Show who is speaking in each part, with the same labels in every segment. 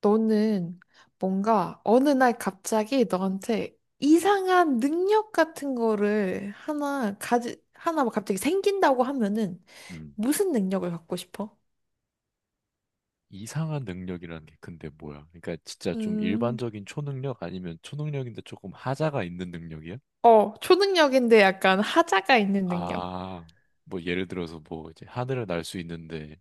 Speaker 1: 너는 뭔가 어느 날 갑자기 너한테 이상한 능력 같은 거를 하나 막 갑자기 생긴다고 하면은
Speaker 2: 음,
Speaker 1: 무슨 능력을 갖고 싶어?
Speaker 2: 이상한 능력이라는 게 근데 뭐야? 그러니까 진짜 좀
Speaker 1: 음,
Speaker 2: 일반적인 초능력 아니면 초능력인데 조금 하자가 있는 능력이야?
Speaker 1: 초능력인데 약간 하자가 있는 능력.
Speaker 2: 아, 뭐 예를 들어서 뭐 이제 하늘을 날 수 있는데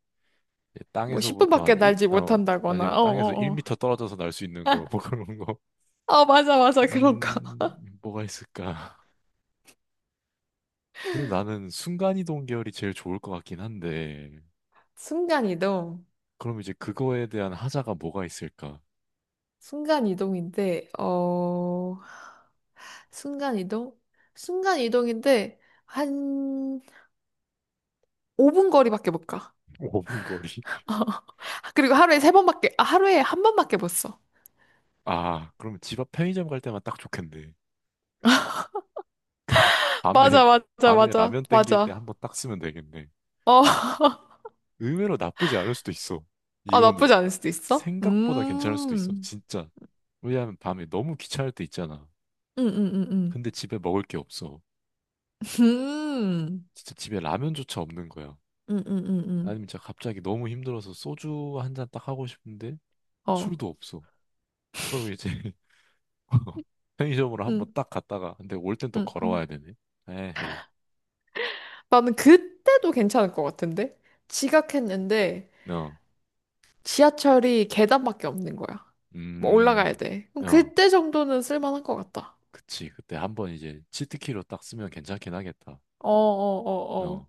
Speaker 2: 이제
Speaker 1: 뭐
Speaker 2: 땅에서부터
Speaker 1: 10분밖에
Speaker 2: 한 1,
Speaker 1: 날지
Speaker 2: 아니면
Speaker 1: 못한다거나,
Speaker 2: 뭐
Speaker 1: 어,
Speaker 2: 땅에서
Speaker 1: 어, 어.
Speaker 2: 1미터 떨어져서 날 수 있는 거, 뭐 그런 거.
Speaker 1: 맞아, 맞아, 그런 거.
Speaker 2: 음, 뭐가 있을까? 그래도 나는 순간이동 계열이 제일 좋을 것 같긴 한데,
Speaker 1: 순간이동.
Speaker 2: 그럼 이제 그거에 대한 하자가 뭐가 있을까?
Speaker 1: 순간이동인데, 순간이동? 순간이동인데, 한 5분 거리밖에 못 가.
Speaker 2: 오 분 거리?
Speaker 1: 어. 그리고 하루에 세 번밖에, 아, 하루에 한 번밖에 못 써.
Speaker 2: 아, 그러면 집 앞 편의점 갈 때만 딱 좋겠네. 밤에,
Speaker 1: 맞아, 맞아,
Speaker 2: 밤에
Speaker 1: 맞아,
Speaker 2: 라면 땡길 때
Speaker 1: 맞아.
Speaker 2: 한번 딱 쓰면 되겠네.
Speaker 1: 어,
Speaker 2: 의외로 나쁘지 않을 수도 있어.
Speaker 1: 아, 나쁘지
Speaker 2: 이거는
Speaker 1: 않을 수도 있어?
Speaker 2: 생각보다 괜찮을 수도 있어. 진짜. 왜냐하면 밤에 너무 귀찮을 때 있잖아.
Speaker 1: 음, 음, 음,
Speaker 2: 근데 집에 먹을 게 없어.
Speaker 1: 음,
Speaker 2: 진짜 집에 라면조차 없는 거야.
Speaker 1: 음, 음, 음, 음, 음.
Speaker 2: 아니면 진짜 갑자기 너무 힘들어서 소주 한 잔 딱 하고 싶은데
Speaker 1: 어,
Speaker 2: 술도 없어. 그럼 이제 편의점으로 한번
Speaker 1: 음,
Speaker 2: 딱 갔다가 근데 올 땐 또
Speaker 1: 음,
Speaker 2: 걸어와야
Speaker 1: 음.
Speaker 2: 되네. 에헤이.
Speaker 1: 나는 그때도 괜찮을 것 같은데? 지각했는데
Speaker 2: 어.
Speaker 1: 지하철이 계단밖에 없는 거야. 뭐 올라가야
Speaker 2: 음.
Speaker 1: 돼. 그럼
Speaker 2: 어.
Speaker 1: 그때 정도는 쓸만한 것 같다.
Speaker 2: 그치. 그때 한번 이제 치트키로 딱 쓰면 괜찮긴 하겠다.
Speaker 1: 어, 어, 어, 어.
Speaker 2: 어,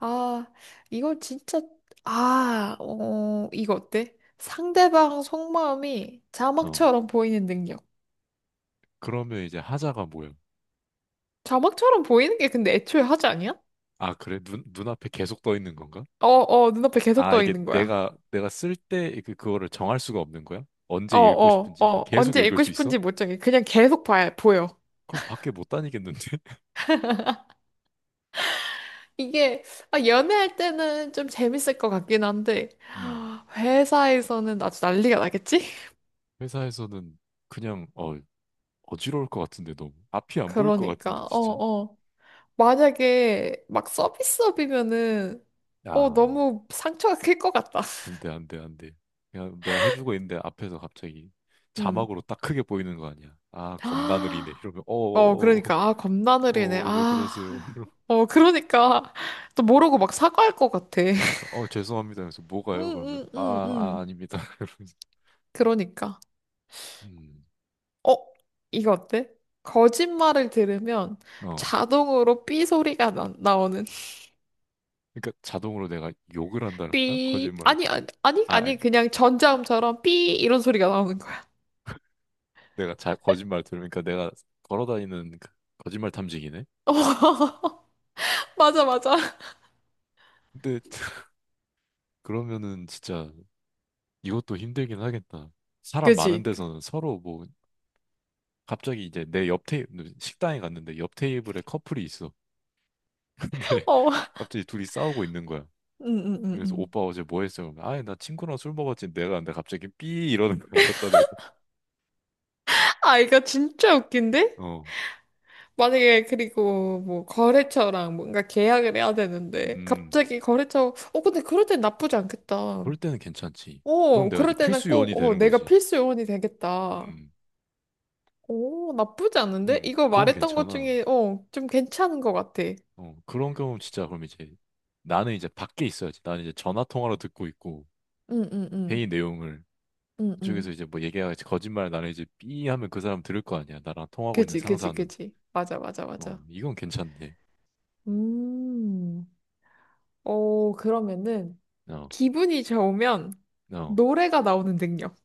Speaker 1: 아, 이거 진짜, 아, 어, 이거 어때? 상대방 속마음이
Speaker 2: 어.
Speaker 1: 자막처럼 보이는 능력.
Speaker 2: 그러면 이제 하자가 뭐야?
Speaker 1: 자막처럼 보이는 게 근데 애초에 하지 아니야?
Speaker 2: 아, 그래? 눈, 눈앞에 계속 떠 있는 건가?
Speaker 1: 어, 어, 눈앞에 계속
Speaker 2: 아,
Speaker 1: 떠
Speaker 2: 이게
Speaker 1: 있는 거야.
Speaker 2: 내가, 내가 쓸 때 그, 그거를 정할 수가 없는 거야?
Speaker 1: 어,
Speaker 2: 언제 읽고
Speaker 1: 어,
Speaker 2: 싶은지?
Speaker 1: 어,
Speaker 2: 계속
Speaker 1: 언제
Speaker 2: 읽을
Speaker 1: 읽고
Speaker 2: 수 있어?
Speaker 1: 싶은지 못 정해. 그냥 계속 보여.
Speaker 2: 그럼 밖에 못 다니겠는데?
Speaker 1: 이게, 아, 연애할 때는 좀 재밌을 것 같긴 한데,
Speaker 2: 음.
Speaker 1: 아, 회사에서는 아주 난리가 나겠지?
Speaker 2: 회사에서는 그냥, 어지러울 것 같은데, 너무. 앞이 안 보일 것 같은데,
Speaker 1: 그러니까, 어,
Speaker 2: 진짜.
Speaker 1: 어. 만약에 막 서비스업이면은
Speaker 2: 아.
Speaker 1: 너무 상처가 클 것 같다.
Speaker 2: 안 돼, 안 돼, 안 돼. 그냥 내가 해주고 있는데 앞에서 갑자기
Speaker 1: 음.
Speaker 2: 자막으로 딱 크게 보이는 거 아니야. 아, 겁나 느리네. 이러면,
Speaker 1: 그러니까 아 겁나
Speaker 2: 어,
Speaker 1: 느리네.
Speaker 2: 왜
Speaker 1: 아.
Speaker 2: 그러세요?
Speaker 1: 그러니까 또 모르고 막 사과할 것 같아.
Speaker 2: 그러니까, 죄송합니다. 그래서 뭐가요? 그러면,
Speaker 1: 응응응응.
Speaker 2: 아닙니다. 이러면서,
Speaker 1: 그러니까.
Speaker 2: 음,
Speaker 1: 어 이거 어때? 거짓말을 들으면
Speaker 2: 어.
Speaker 1: 자동으로 삐 소리가 나오는
Speaker 2: 그러니까 자동으로 내가 욕을 한다는 거야?
Speaker 1: 삐
Speaker 2: 거짓말을.
Speaker 1: 아니 아니 아니
Speaker 2: 아,
Speaker 1: 아니, 그냥 전자음처럼 삐 이런 소리가 나오는 거야.
Speaker 2: 거짓말 들으니까 내가 걸어다니는 그 거짓말 탐지기네?
Speaker 1: 어, 맞아 맞아.
Speaker 2: 근데 그러면은 진짜 이것도 힘들긴 하겠다. 사람 많은
Speaker 1: 그지?
Speaker 2: 데서는 서로 뭐 갑자기 이제 내 옆 테이 식당에 갔는데 옆 테이블에 커플이 있어. 근데
Speaker 1: 어.
Speaker 2: 갑자기 둘이 싸우고 있는 거야.
Speaker 1: 응응응응.
Speaker 2: 그래서 오빠 어제 뭐 했어? 아니 나 친구랑 술 먹었지. 내가 근데 갑자기 삐 이러는 거야. 걷다 대고.
Speaker 1: 아, 이거 진짜 웃긴데?
Speaker 2: 어,
Speaker 1: 만약에 그리고 뭐 거래처랑 뭔가 계약을 해야 되는데
Speaker 2: 음,
Speaker 1: 갑자기 거래처 어 근데 그럴 땐 나쁘지 않겠다.
Speaker 2: 그럴 때는 괜찮지. 그럼 내가 이제
Speaker 1: 그럴 때는
Speaker 2: 필수
Speaker 1: 꼭
Speaker 2: 요원이 되는
Speaker 1: 내가
Speaker 2: 거지.
Speaker 1: 필수 요원이 되겠다.
Speaker 2: 음,
Speaker 1: 오 나쁘지 않은데? 이거
Speaker 2: 그건
Speaker 1: 말했던 것
Speaker 2: 괜찮아.
Speaker 1: 중에 좀 괜찮은 것 같아.
Speaker 2: 어, 그런 경우 진짜 그럼 이제 나는 이제 밖에 있어야지. 나는 이제 전화 통화로 듣고 있고
Speaker 1: 응응응.
Speaker 2: 회의 내용을
Speaker 1: 응응.
Speaker 2: 그쪽에서 이제 뭐 얘기하겠지 거짓말 나는 이제 삐 하면 그 사람 들을 거 아니야. 나랑 통하고 있는
Speaker 1: 그지 그지
Speaker 2: 상사는.
Speaker 1: 그지 맞아 맞아
Speaker 2: 어,
Speaker 1: 맞아.
Speaker 2: 이건 괜찮네.
Speaker 1: 음. 그러면은
Speaker 2: 어,
Speaker 1: 기분이 좋으면
Speaker 2: 어.
Speaker 1: 노래가 나오는 능력.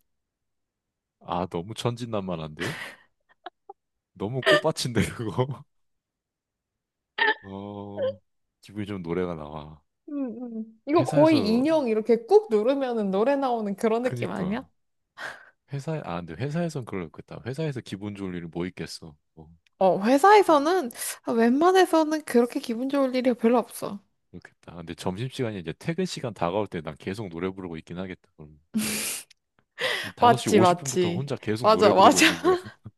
Speaker 2: 아, 너무 천진난만한데? 너무 꽃밭인데, 그거? 어, 기분이 좀 노래가 나와.
Speaker 1: 이거 거의
Speaker 2: 회사에서,
Speaker 1: 인형 이렇게 꾹 누르면은 노래 나오는 그런 느낌
Speaker 2: 그니까.
Speaker 1: 아니야?
Speaker 2: 아, 근데 회사에선 그렇겠다. 회사에서 기분 좋을 일이 뭐 있겠어. 어, 어,
Speaker 1: 회사에서는 웬만해서는 그렇게 기분 좋을 일이 별로 없어.
Speaker 2: 그렇겠다. 근데 점심시간이 이제 퇴근 시간 다가올 때 난 계속 노래 부르고 있긴 하겠다. 그럼. 한 5시
Speaker 1: 맞지,
Speaker 2: 50분부터
Speaker 1: 맞지.
Speaker 2: 혼자 계속 노래
Speaker 1: 맞아,
Speaker 2: 부르고
Speaker 1: 맞아.
Speaker 2: 있는 거야.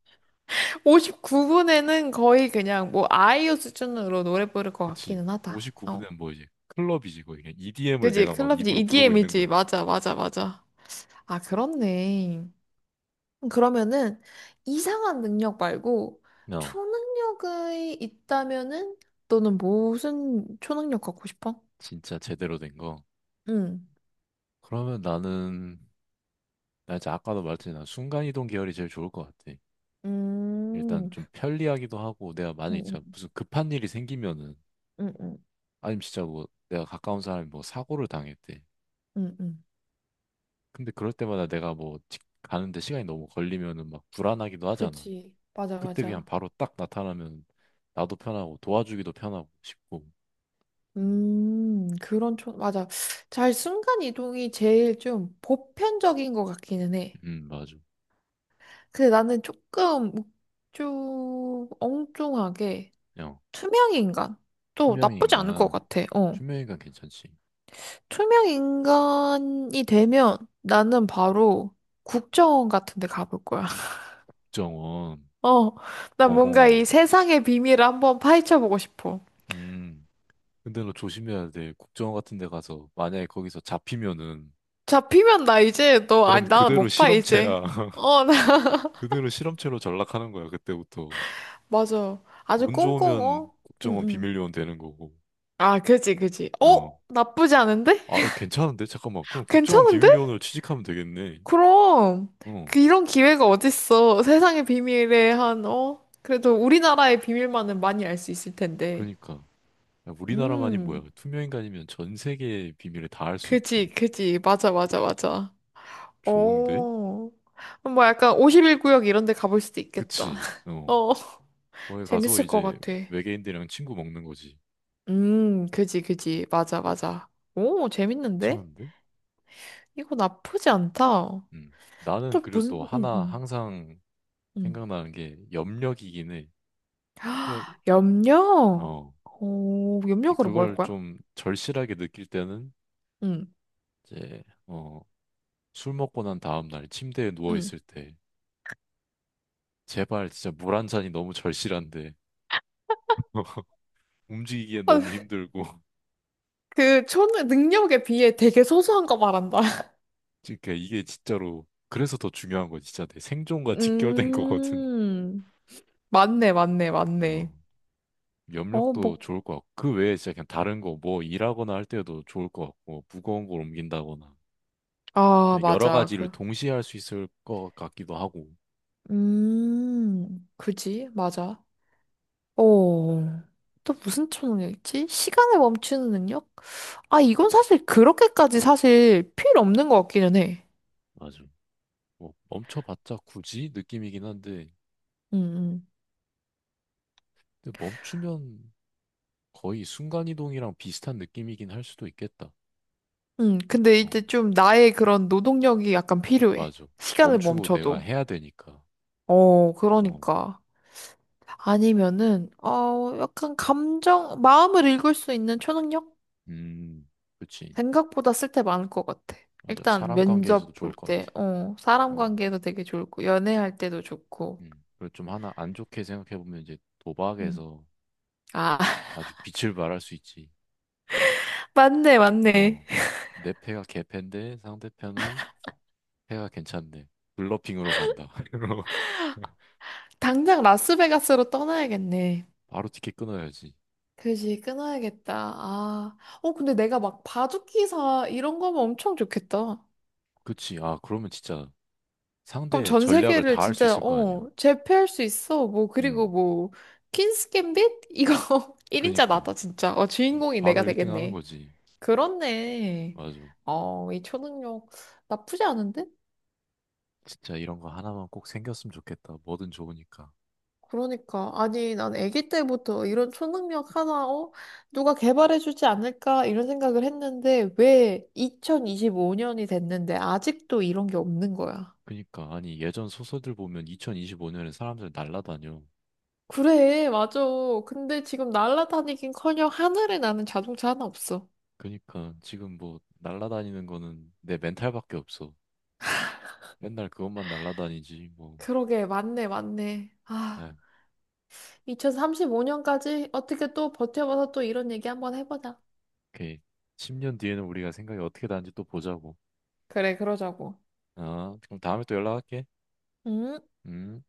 Speaker 1: 59분에는 거의 그냥 뭐 아이유 수준으로 노래 부를 것
Speaker 2: 그치.
Speaker 1: 같기는 하다. 어.
Speaker 2: 59분은 뭐 이제 클럽이지, 거의. EDM을
Speaker 1: 그지?
Speaker 2: 내가 막
Speaker 1: 클럽이지,
Speaker 2: 입으로 부르고 있는 거야.
Speaker 1: EDM이지. 맞아, 맞아, 맞아. 아, 그렇네. 그러면은 이상한 능력 말고
Speaker 2: 어,
Speaker 1: 초능력이 있다면은 너는 무슨 초능력 갖고 싶어?
Speaker 2: 진짜 제대로 된 거.
Speaker 1: 응,
Speaker 2: 그러면 나는, 나 이제 아까도 말했지, 난 순간이동 계열이 제일 좋을 것 같아. 일단
Speaker 1: 음,
Speaker 2: 좀 편리하기도 하고, 내가 만약에 진짜
Speaker 1: 응,
Speaker 2: 무슨 급한 일이 생기면은,
Speaker 1: 응, 응,
Speaker 2: 아니면 진짜 뭐 내가 가까운 사람이 뭐 사고를 당했대.
Speaker 1: 응, 응.
Speaker 2: 근데 그럴 때마다 내가 뭐 가는데 시간이 너무 걸리면은 막 불안하기도 하잖아.
Speaker 1: 그치. 맞아,
Speaker 2: 그때 그냥
Speaker 1: 맞아.
Speaker 2: 바로 딱 나타나면 나도 편하고 도와주기도 편하고 싶고.
Speaker 1: 맞아. 잘 순간 이동이 제일 좀 보편적인 것 같기는 해.
Speaker 2: 맞아.
Speaker 1: 근데 나는 조금, 좀 엉뚱하게
Speaker 2: 야,
Speaker 1: 투명 인간. 또 나쁘지 않을 것
Speaker 2: 투명인간.
Speaker 1: 같아. 어.
Speaker 2: 투명인간 괜찮지.
Speaker 1: 투명 인간이 되면 나는 바로 국정원 같은 데 가볼 거야.
Speaker 2: 국정원.
Speaker 1: 어. 난 뭔가
Speaker 2: 어허.
Speaker 1: 이 세상의 비밀을 한번 파헤쳐 보고 싶어.
Speaker 2: 음. 근데 너 조심해야 돼. 국정원 같은 데 가서 만약에 거기서 잡히면은
Speaker 1: 잡히면 나 이제 너
Speaker 2: 넌
Speaker 1: 아니 나
Speaker 2: 그대로
Speaker 1: 못 봐 이제.
Speaker 2: 실험체야.
Speaker 1: 어, 나
Speaker 2: 그대로 실험체로 전락하는 거야, 그때부터.
Speaker 1: 맞아. 아주
Speaker 2: 운
Speaker 1: 꽁꽁
Speaker 2: 좋으면
Speaker 1: 어. 응,
Speaker 2: 국정원
Speaker 1: 응.
Speaker 2: 비밀요원 되는 거고.
Speaker 1: 아, 그지, 그지. 어?
Speaker 2: 어.
Speaker 1: 나쁘지 않은데?
Speaker 2: 아, 어, 괜찮은데? 잠깐만. 그럼 국정원
Speaker 1: 괜찮은데?
Speaker 2: 비밀요원으로 취직하면 되겠네.
Speaker 1: 그럼
Speaker 2: 어.
Speaker 1: 그 이런 기회가 어딨어. 세상의 비밀에 한? 그래도 우리나라의 비밀만은 많이 알 수 있을 텐데.
Speaker 2: 그러니까. 야, 우리나라만이
Speaker 1: 음.
Speaker 2: 뭐야. 투명인간이면 전 세계의 비밀을 다 알 수
Speaker 1: 그지,
Speaker 2: 있지.
Speaker 1: 그지. 맞아, 맞아, 맞아.
Speaker 2: 좋은데?
Speaker 1: 어. 뭐 약간 51구역 이런 데 가볼 수도 있겠다.
Speaker 2: 그치? 어.
Speaker 1: 어.
Speaker 2: 거기 가서
Speaker 1: 재밌을 것
Speaker 2: 이제
Speaker 1: 같아.
Speaker 2: 외계인들이랑 친구 먹는 거지.
Speaker 1: 그지, 그지. 맞아, 맞아. 오, 재밌는데?
Speaker 2: 괜찮은데?
Speaker 1: 이거 나쁘지 않다.
Speaker 2: 음. 나는
Speaker 1: 또
Speaker 2: 그리고 또
Speaker 1: 무슨,
Speaker 2: 하나 항상
Speaker 1: 음.
Speaker 2: 생각나는 게 염력이긴 해. 예,
Speaker 1: 아, 염력?
Speaker 2: 어,
Speaker 1: 오, 염력으로 뭐 할
Speaker 2: 그걸
Speaker 1: 거야?
Speaker 2: 좀 절실하게 느낄 때는
Speaker 1: 음,
Speaker 2: 이제 술 먹고 난 다음 날 침대에 누워
Speaker 1: 음.
Speaker 2: 있을 때 제발 진짜 물 한 잔이 너무 절실한데 움직이기에 너무
Speaker 1: 아,
Speaker 2: 힘들고
Speaker 1: 그, 초 능력에 비해 되게 소소한 거 말한다.
Speaker 2: 그러니까 이게 진짜로 그래서 더 중요한 거 진짜 내 생존과 직결된 거거든.
Speaker 1: 음, 맞네, 맞네,
Speaker 2: 근데 어,
Speaker 1: 맞네. 어,
Speaker 2: 염력도
Speaker 1: 뭐,
Speaker 2: 좋을 것 같고 그 외에 진짜 그냥 다른 거 뭐 일하거나 할 때도 좋을 것 같고 무거운 걸 옮긴다거나 또
Speaker 1: 아,
Speaker 2: 여러
Speaker 1: 맞아.
Speaker 2: 가지를
Speaker 1: 그,
Speaker 2: 동시에 할 수 있을 것 같기도 하고
Speaker 1: 그지, 맞아. 어, 또 무슨 초능력이지? 시간을 멈추는 능력? 아, 이건 사실 그렇게까지 사실 필요 없는 것 같기는 해.
Speaker 2: 맞아. 뭐 멈춰봤자 굳이 느낌이긴 한데
Speaker 1: 음,
Speaker 2: 근데 멈추면 거의 순간이동이랑 비슷한 느낌이긴 할 수도 있겠다.
Speaker 1: 근데 이제
Speaker 2: 어,
Speaker 1: 좀 나의 그런 노동력이 약간 필요해.
Speaker 2: 맞아.
Speaker 1: 시간을
Speaker 2: 멈추고 내가
Speaker 1: 멈춰도.
Speaker 2: 해야 되니까.
Speaker 1: 어,
Speaker 2: 어,
Speaker 1: 그러니까. 아니면은, 약간 감정, 마음을 읽을 수 있는 초능력?
Speaker 2: 음, 그치.
Speaker 1: 생각보다 쓸 때 많을 것 같아.
Speaker 2: 맞아.
Speaker 1: 일단
Speaker 2: 사람 관계에서도
Speaker 1: 면접 볼
Speaker 2: 좋을 것
Speaker 1: 때,
Speaker 2: 같아.
Speaker 1: 사람
Speaker 2: 어,
Speaker 1: 관계도 되게 좋고, 연애할 때도 좋고.
Speaker 2: 그리고 좀 하나 안 좋게 생각해보면 이제
Speaker 1: 음.
Speaker 2: 도박에서
Speaker 1: 아,
Speaker 2: 아주 빛을 발할 수 있지.
Speaker 1: 맞네, 맞네.
Speaker 2: 어, 내 패가 개패인데 상대편은 패가 괜찮네. 블러핑으로 간다.
Speaker 1: 당장 라스베가스로 떠나야겠네.
Speaker 2: 바로 티켓 끊어야지.
Speaker 1: 그지, 끊어야겠다. 아, 근데 내가 막 바둑기사 이런 거면 엄청 좋겠다.
Speaker 2: 그치. 아, 그러면 진짜.
Speaker 1: 그럼
Speaker 2: 상대의
Speaker 1: 전
Speaker 2: 전략을
Speaker 1: 세계를
Speaker 2: 다 알 수
Speaker 1: 진짜,
Speaker 2: 있을 거 아니야.
Speaker 1: 제패할 수 있어. 뭐, 그리고
Speaker 2: 음,
Speaker 1: 뭐, 퀸스 갬빗? 이거 1인자
Speaker 2: 그니까.
Speaker 1: 나다, 진짜. 어, 주인공이
Speaker 2: 바로
Speaker 1: 내가
Speaker 2: 1등 하는
Speaker 1: 되겠네.
Speaker 2: 거지.
Speaker 1: 그렇네.
Speaker 2: 맞아.
Speaker 1: 어, 이 초능력 나쁘지 않은데?
Speaker 2: 진짜 이런 거 하나만 꼭 생겼으면 좋겠다. 뭐든 좋으니까.
Speaker 1: 그러니까 아니 난 아기 때부터 이런 초능력 하나 누가 개발해 주지 않을까 이런 생각을 했는데 왜 2025년이 됐는데 아직도 이런 게 없는 거야.
Speaker 2: 그니까. 아니, 예전 소설들 보면 2025년에 사람들 날라다녀.
Speaker 1: 그래 맞아. 근데 지금 날아다니긴커녕 하늘에 나는 자동차 하나 없어.
Speaker 2: 그니까. 지금 뭐, 날라다니는 거는 내 멘탈밖에 없어. 맨날 그것만 날라다니지, 뭐.
Speaker 1: 그러게 맞네 맞네. 아
Speaker 2: 아,
Speaker 1: 2035년까지 어떻게 또 버텨봐서 또 이런 얘기 한번 해보자.
Speaker 2: 오케이. 10년 뒤에는 우리가 생각이 어떻게 다른지 또 보자고.
Speaker 1: 그래 그러자고.
Speaker 2: 아, 그럼 다음에 또 연락할게.
Speaker 1: 음.
Speaker 2: 음.